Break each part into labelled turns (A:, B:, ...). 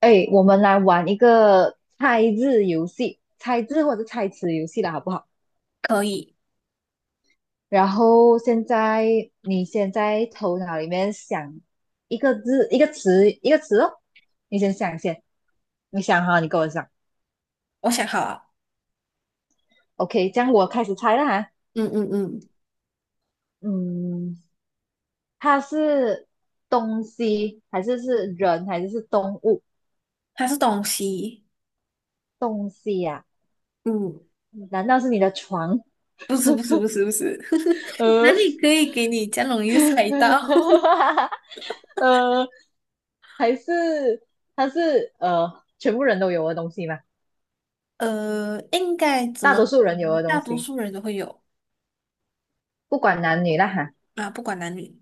A: 哎，我们来玩一个猜字游戏，猜字或者猜词游戏了，好不好？
B: 可以，
A: 然后现在你先在头脑里面想一个字、一个词、一个词哦，你先想先，你想哈，你跟我讲。
B: 我想好了，
A: OK，这样我开始猜了哈。
B: 嗯嗯嗯
A: 嗯，它是东西还是是人还是是动物？
B: 它是东西，
A: 东西呀、
B: 嗯，
A: 难道是你的床？
B: 不是不是不是不是，哪
A: 呃，
B: 里可以给你这样容易就猜到？
A: 呃，还是它是全部人都有的东西嘛，
B: 应该怎
A: 大
B: 么
A: 多数
B: 说
A: 人有
B: 呢？
A: 的
B: 大
A: 东
B: 多
A: 西，
B: 数人都会有
A: 不管男女啦哈。
B: 啊，不管男女。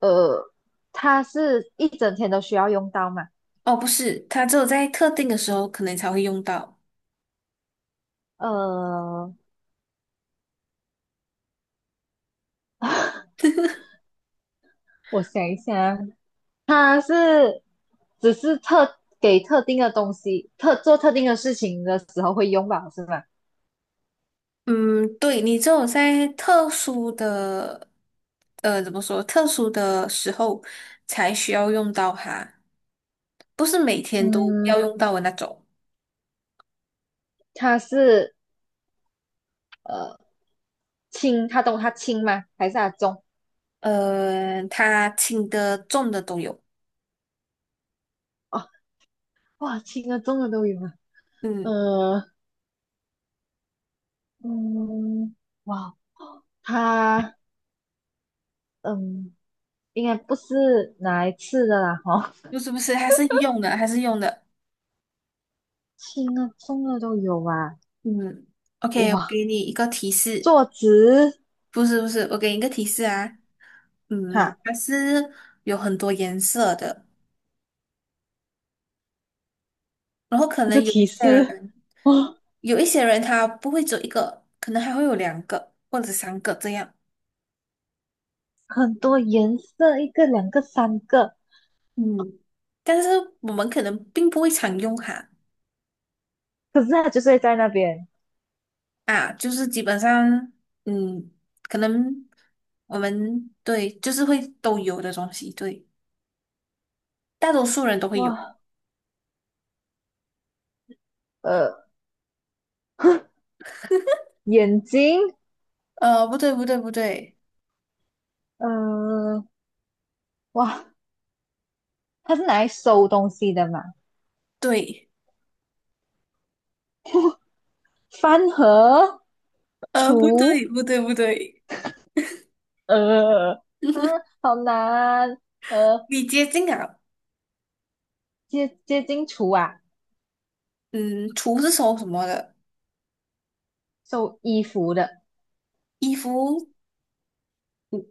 A: 呃，它是一整天都需要用到嘛？
B: 哦，不是，它只有在特定的时候可能才会用到。
A: 呃，我想一下，它是只是特给特定的东西，特做特定的事情的时候会用吧，是吗？
B: 嗯，对，你只有在特殊的，怎么说？特殊的时候才需要用到它，不是每天都
A: 嗯，
B: 要用到的那种。
A: 它是呃轻，它懂它轻吗？还是它重？
B: 它轻的、重的都有。
A: 哦，哇，轻的重的都有啊。
B: 嗯，
A: 呃，嗯，哇，它嗯，应该不是拿来吃的啦，哦，
B: 不是不是，还是用的，还是用的。
A: 轻的重的都有啊，
B: 嗯，OK，我
A: 哇，
B: 给你一个提示，
A: 坐直，
B: 不是不是，我给你一个提示啊。嗯，
A: 哈，
B: 它是有很多颜色的，然后可
A: 这个
B: 能有一
A: 提
B: 些
A: 示，
B: 人，
A: 哇，
B: 有一些人他不会只有一个，可能还会有两个或者三个这样。
A: 很多颜色，一个、两个、三个，
B: 嗯，但是我们可能并不会常用它。
A: 可是它就睡在那边，
B: 啊，就是基本上，嗯，可能我们对，就是会都有的东西，对，大多数人都会有。
A: 哇，呃，眼睛，
B: 不对，不对，不对，
A: 呃，哇，它是拿来收东西的嘛，
B: 对，
A: 饭盒，
B: 不
A: 厨，
B: 对，不对，不对，
A: 呃，啊，好难。呃，
B: 你接近啊，
A: 接接近厨啊，
B: 嗯，厨是收什么的？
A: 收衣服的
B: 衣服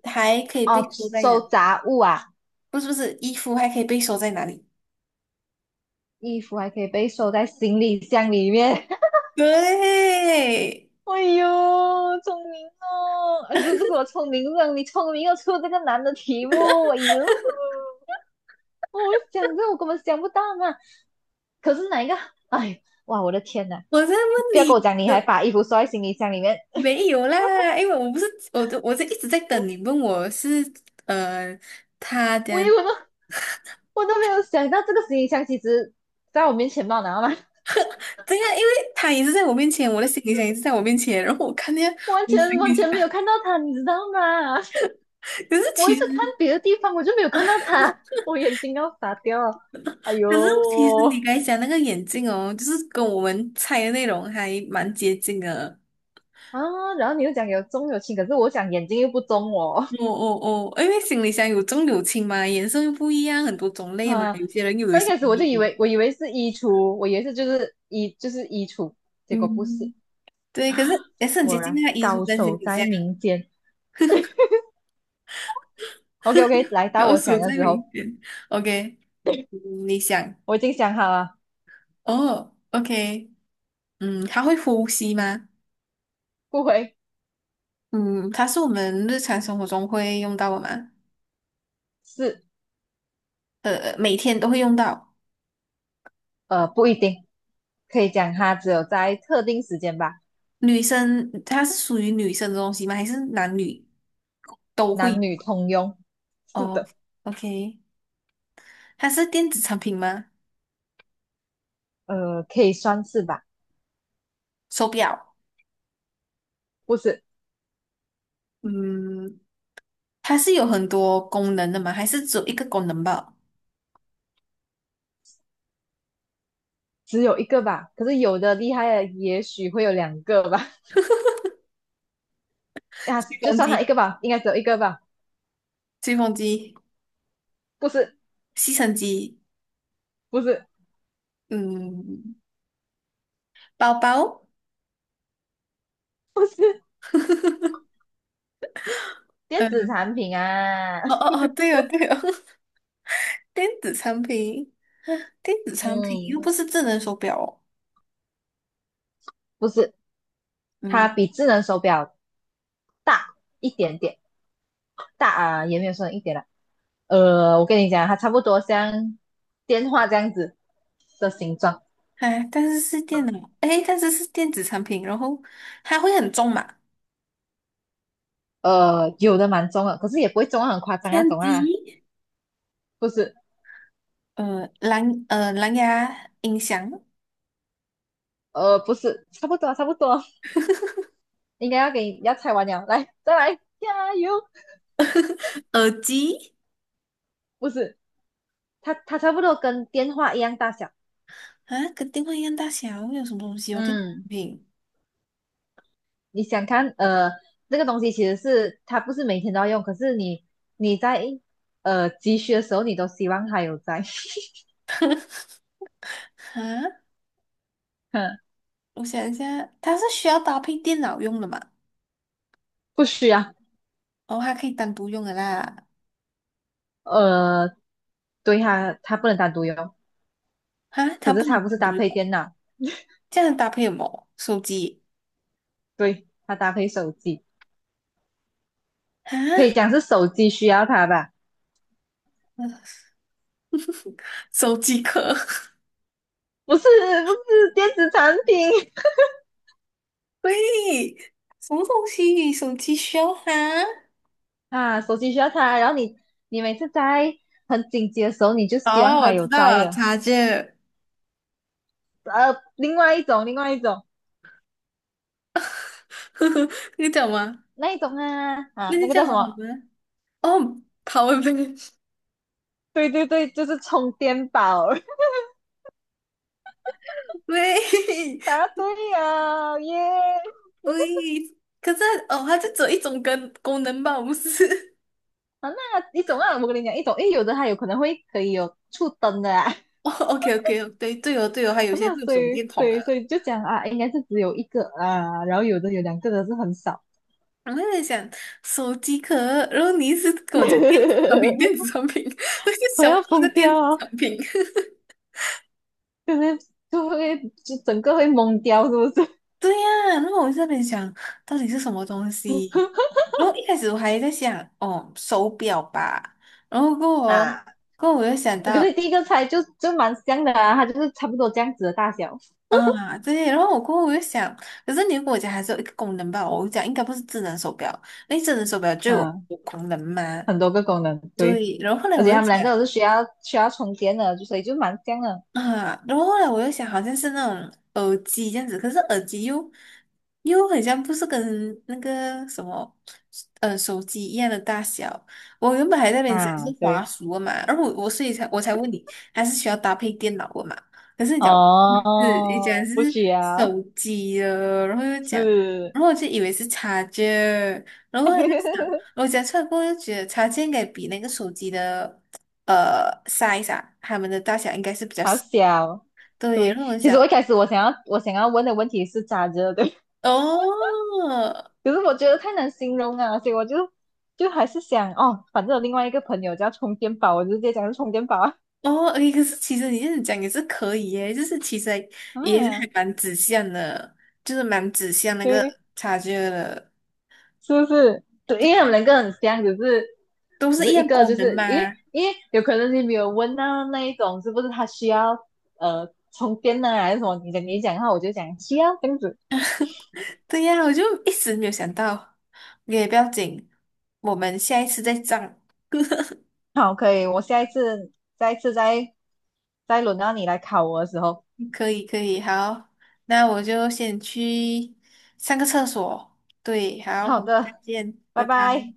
B: 还可以被
A: 哦，
B: 收在哪？
A: 收杂物啊，
B: 不是，不是，衣服还可以被收在哪里？
A: 衣服还可以被收在行李箱里面。
B: 对，
A: 哎呦，聪明哦！哎，不不是我聪明让你聪明又出这个难的题目。哎呦，哦我想这我根本想不到嘛。可是哪一个？哎，哇，我的天呐！
B: 我在问
A: 不要跟我
B: 你，
A: 讲你还
B: 的。
A: 把衣服收在行李箱里面，
B: 没有啦，因为我不是我都我是一直在等你问我是呃他
A: 我以
B: 的
A: 为我都我都没有想到这个行李箱其实在我面前嘛，然后呢？
B: 对呀，因为他也是在我面前，我的行李箱也是在我面前，然后我看见
A: 完
B: 我的行
A: 全
B: 李
A: 完
B: 箱，
A: 全没有看到他，你知道吗？
B: 可是
A: 我一
B: 其实
A: 直看别的地方，我就没有看到他，我眼睛要傻掉了。哎呦
B: 可是你刚才讲那个眼镜哦，就是跟我们猜的内容还蛮接近的。
A: 啊！然后你又讲有重有轻，可是我讲眼睛又不中哦。
B: 哦哦哦，因为行李箱有重有轻嘛，颜色又不一样，很多种 类嘛，
A: 啊，
B: 有些人又有一
A: 刚一
B: 些
A: 开始我就
B: 衣
A: 以
B: 服。
A: 为是衣橱，我以为是就是衣橱，结果不是
B: 嗯，对，可是
A: 啊，
B: 也 是很接
A: 果
B: 近
A: 然
B: 那个衣橱
A: 高
B: 跟行
A: 手
B: 李
A: 在
B: 箱，
A: 民间。OK OK，来到
B: 要
A: 我想
B: 数
A: 的
B: 再
A: 时候，
B: 明显。OK，嗯你想，
A: 我已经想好了，
B: 哦，OK，嗯，它会呼吸吗？
A: 不回
B: 嗯，它是我们日常生活中会用到的吗？
A: 是
B: 每天都会用到。
A: 不一定，可以讲它只有在特定时间吧。
B: 女生，它是属于女生的东西吗？还是男女都
A: 男
B: 会？
A: 女通用。是
B: 哦
A: 的，
B: ，OK，它是电子产品吗？
A: 呃，可以算是吧，
B: 手表，
A: 不是
B: 嗯，它是有很多功能的吗？还是只有一个功能吧？
A: 只有一个吧？可是有的厉害的也许会有两个吧？呀，
B: 吹
A: 就
B: 风
A: 算它一
B: 机，
A: 个吧，应该只有一个吧？
B: 吹风机，
A: 不是，
B: 吸尘机，
A: 不是，
B: 嗯，包包，
A: 不是电
B: 嗯，
A: 子产品啊，
B: 哦哦哦，对哦对哦，电子产品，电子 产品又
A: 嗯，
B: 不是智能手表哦，
A: 不是，它
B: 嗯，
A: 比智能手表大一点点，大啊，也没有说一点啦。呃，我跟你讲，它差不多像电话这样子的形状，
B: 哎，但是是电脑，哎，但是是电子产品，然后它会很重嘛？
A: 呃，有的蛮重的，可是也不会重到很夸张那
B: 相
A: 种啊，
B: 机，
A: 不是。
B: 蓝牙音响，
A: 呃，不是，差不多啊差不多，应该要给你要拆完了，来，再来，加油！
B: 耳机
A: 不是，它差不多跟电话一样大小。
B: 啊，跟电话一样大小，有什么东西哦？电子
A: 嗯，
B: 产品
A: 你想看，呃，这个东西其实是它不是每天都要用，可是你你在急需的时候，你都希望它有在。
B: 啊，
A: 嗯，
B: 我想一下，它是需要搭配电脑用的嘛？
A: 不需要。
B: 哦，它可以单独用的啦，
A: 呃，对它不能单独用，
B: 啊，
A: 可
B: 它
A: 是
B: 不能
A: 它不
B: 单
A: 是搭
B: 独
A: 配
B: 用，
A: 电脑，
B: 这样搭配什么？手机
A: 对，它搭配手机，可以
B: 啊，
A: 讲是手机需要它吧？
B: 手机壳。
A: 不是，不是电子产品。
B: 喂，什么东西？手机需要它？
A: 啊，手机需要插，然后你你每次在很紧急的时候，你就希望
B: 哦，我
A: 它
B: 知
A: 有
B: 道
A: 在
B: 了，
A: 了。
B: 插件。
A: 呃，另外一种，另外一种，
B: 呵呵，那个叫什么？
A: 那一种啊
B: 那
A: 啊，
B: 个
A: 那个
B: 叫
A: 叫什
B: 什
A: 么？
B: 么？哦，Power bank，
A: 对对对，就是充电宝。
B: 喂
A: 答对了，耶！
B: 喂，可是哦，它就只有一种跟功能吧，不是？
A: 啊，那一种啊，我跟你讲，一种，因为有的它有可能会可以有触灯的啊。
B: 哦，OK OK，对对哦对哦，还 有些
A: 那
B: 会有
A: 所
B: 手
A: 以，
B: 电筒啊。
A: 对，所以就讲啊，应该是只有一个啊，然后有的有两个的是很少。
B: 我在想手机壳，然后你一直跟我讲电子产品，电子 产品，我就
A: 我
B: 想不
A: 要
B: 到那
A: 疯
B: 个电子
A: 掉啊！
B: 产品。
A: 就是就会就整个会懵掉，是不是？
B: 对呀，然后我就在那边想，到底是什么东西？然后一开始我还在想，哦，手表吧。然后过后，
A: 啊，
B: 我又想
A: 可是
B: 到，
A: 第一个猜就就蛮像的啊，它就是差不多这样子的大小，
B: 啊，对。然后我过后我又想，可是你如果我家还是有一个功能吧，我讲应该不是智能手表，因为智能手表就有
A: 嗯，
B: 功能吗？
A: 很多个功能，对，
B: 对。然后后来
A: 而且
B: 我又
A: 他们两
B: 想，
A: 个都是需要充电的，就所以就蛮像的
B: 啊，然后后来我又想，好像是那种耳机这样子，可是耳机又很像不是跟那个什么手机一样的大小。我原本还在那边想
A: 啊，
B: 是华
A: 对，
B: 硕的嘛，然后我所以才我才问你，还是需要搭配电脑的嘛？可是你讲不是，你
A: 哦，
B: 讲
A: 不
B: 是
A: 需要，
B: 手机的，然后又讲，
A: 是，
B: 然后我就以为是插件，然后我就想，我讲出来过后就觉得插件应该比那个手机的。Size 啊，它们的大小应该是比较
A: 好
B: 小
A: 小，
B: 对，
A: 对，
B: 让我
A: 其实
B: 想，
A: 我一开始我想要问的问题是咋着，对，
B: 哦
A: 可是我觉得太难形容啊，所以我就就还是想哦，反正有另外一个朋友叫充电宝，我就直接讲是充电宝啊，
B: 哦，诶，可是其实你这样讲也是可以耶，就是其实还也是
A: 啊，
B: 还蛮指向的，就是蛮指向那个
A: 对。
B: 察觉的，
A: 是不是？对，因为他们两个很像，只是
B: 都
A: 只
B: 是一
A: 是一
B: 样
A: 个
B: 功
A: 就
B: 能
A: 是
B: 嘛。
A: 因为有可能你没有问到那一种是不是他需要充电呢、还是什么？你讲的话，我就讲需要这样子。
B: 对呀，我就一时没有想到，也不要紧，我们下一次再涨。
A: 好，可以，我下一次再轮到你来考我的时候，
B: 可以可以，好，那我就先去上个厕所。对，好，
A: 好
B: 我们再
A: 的，
B: 见，
A: 拜
B: 拜拜。
A: 拜。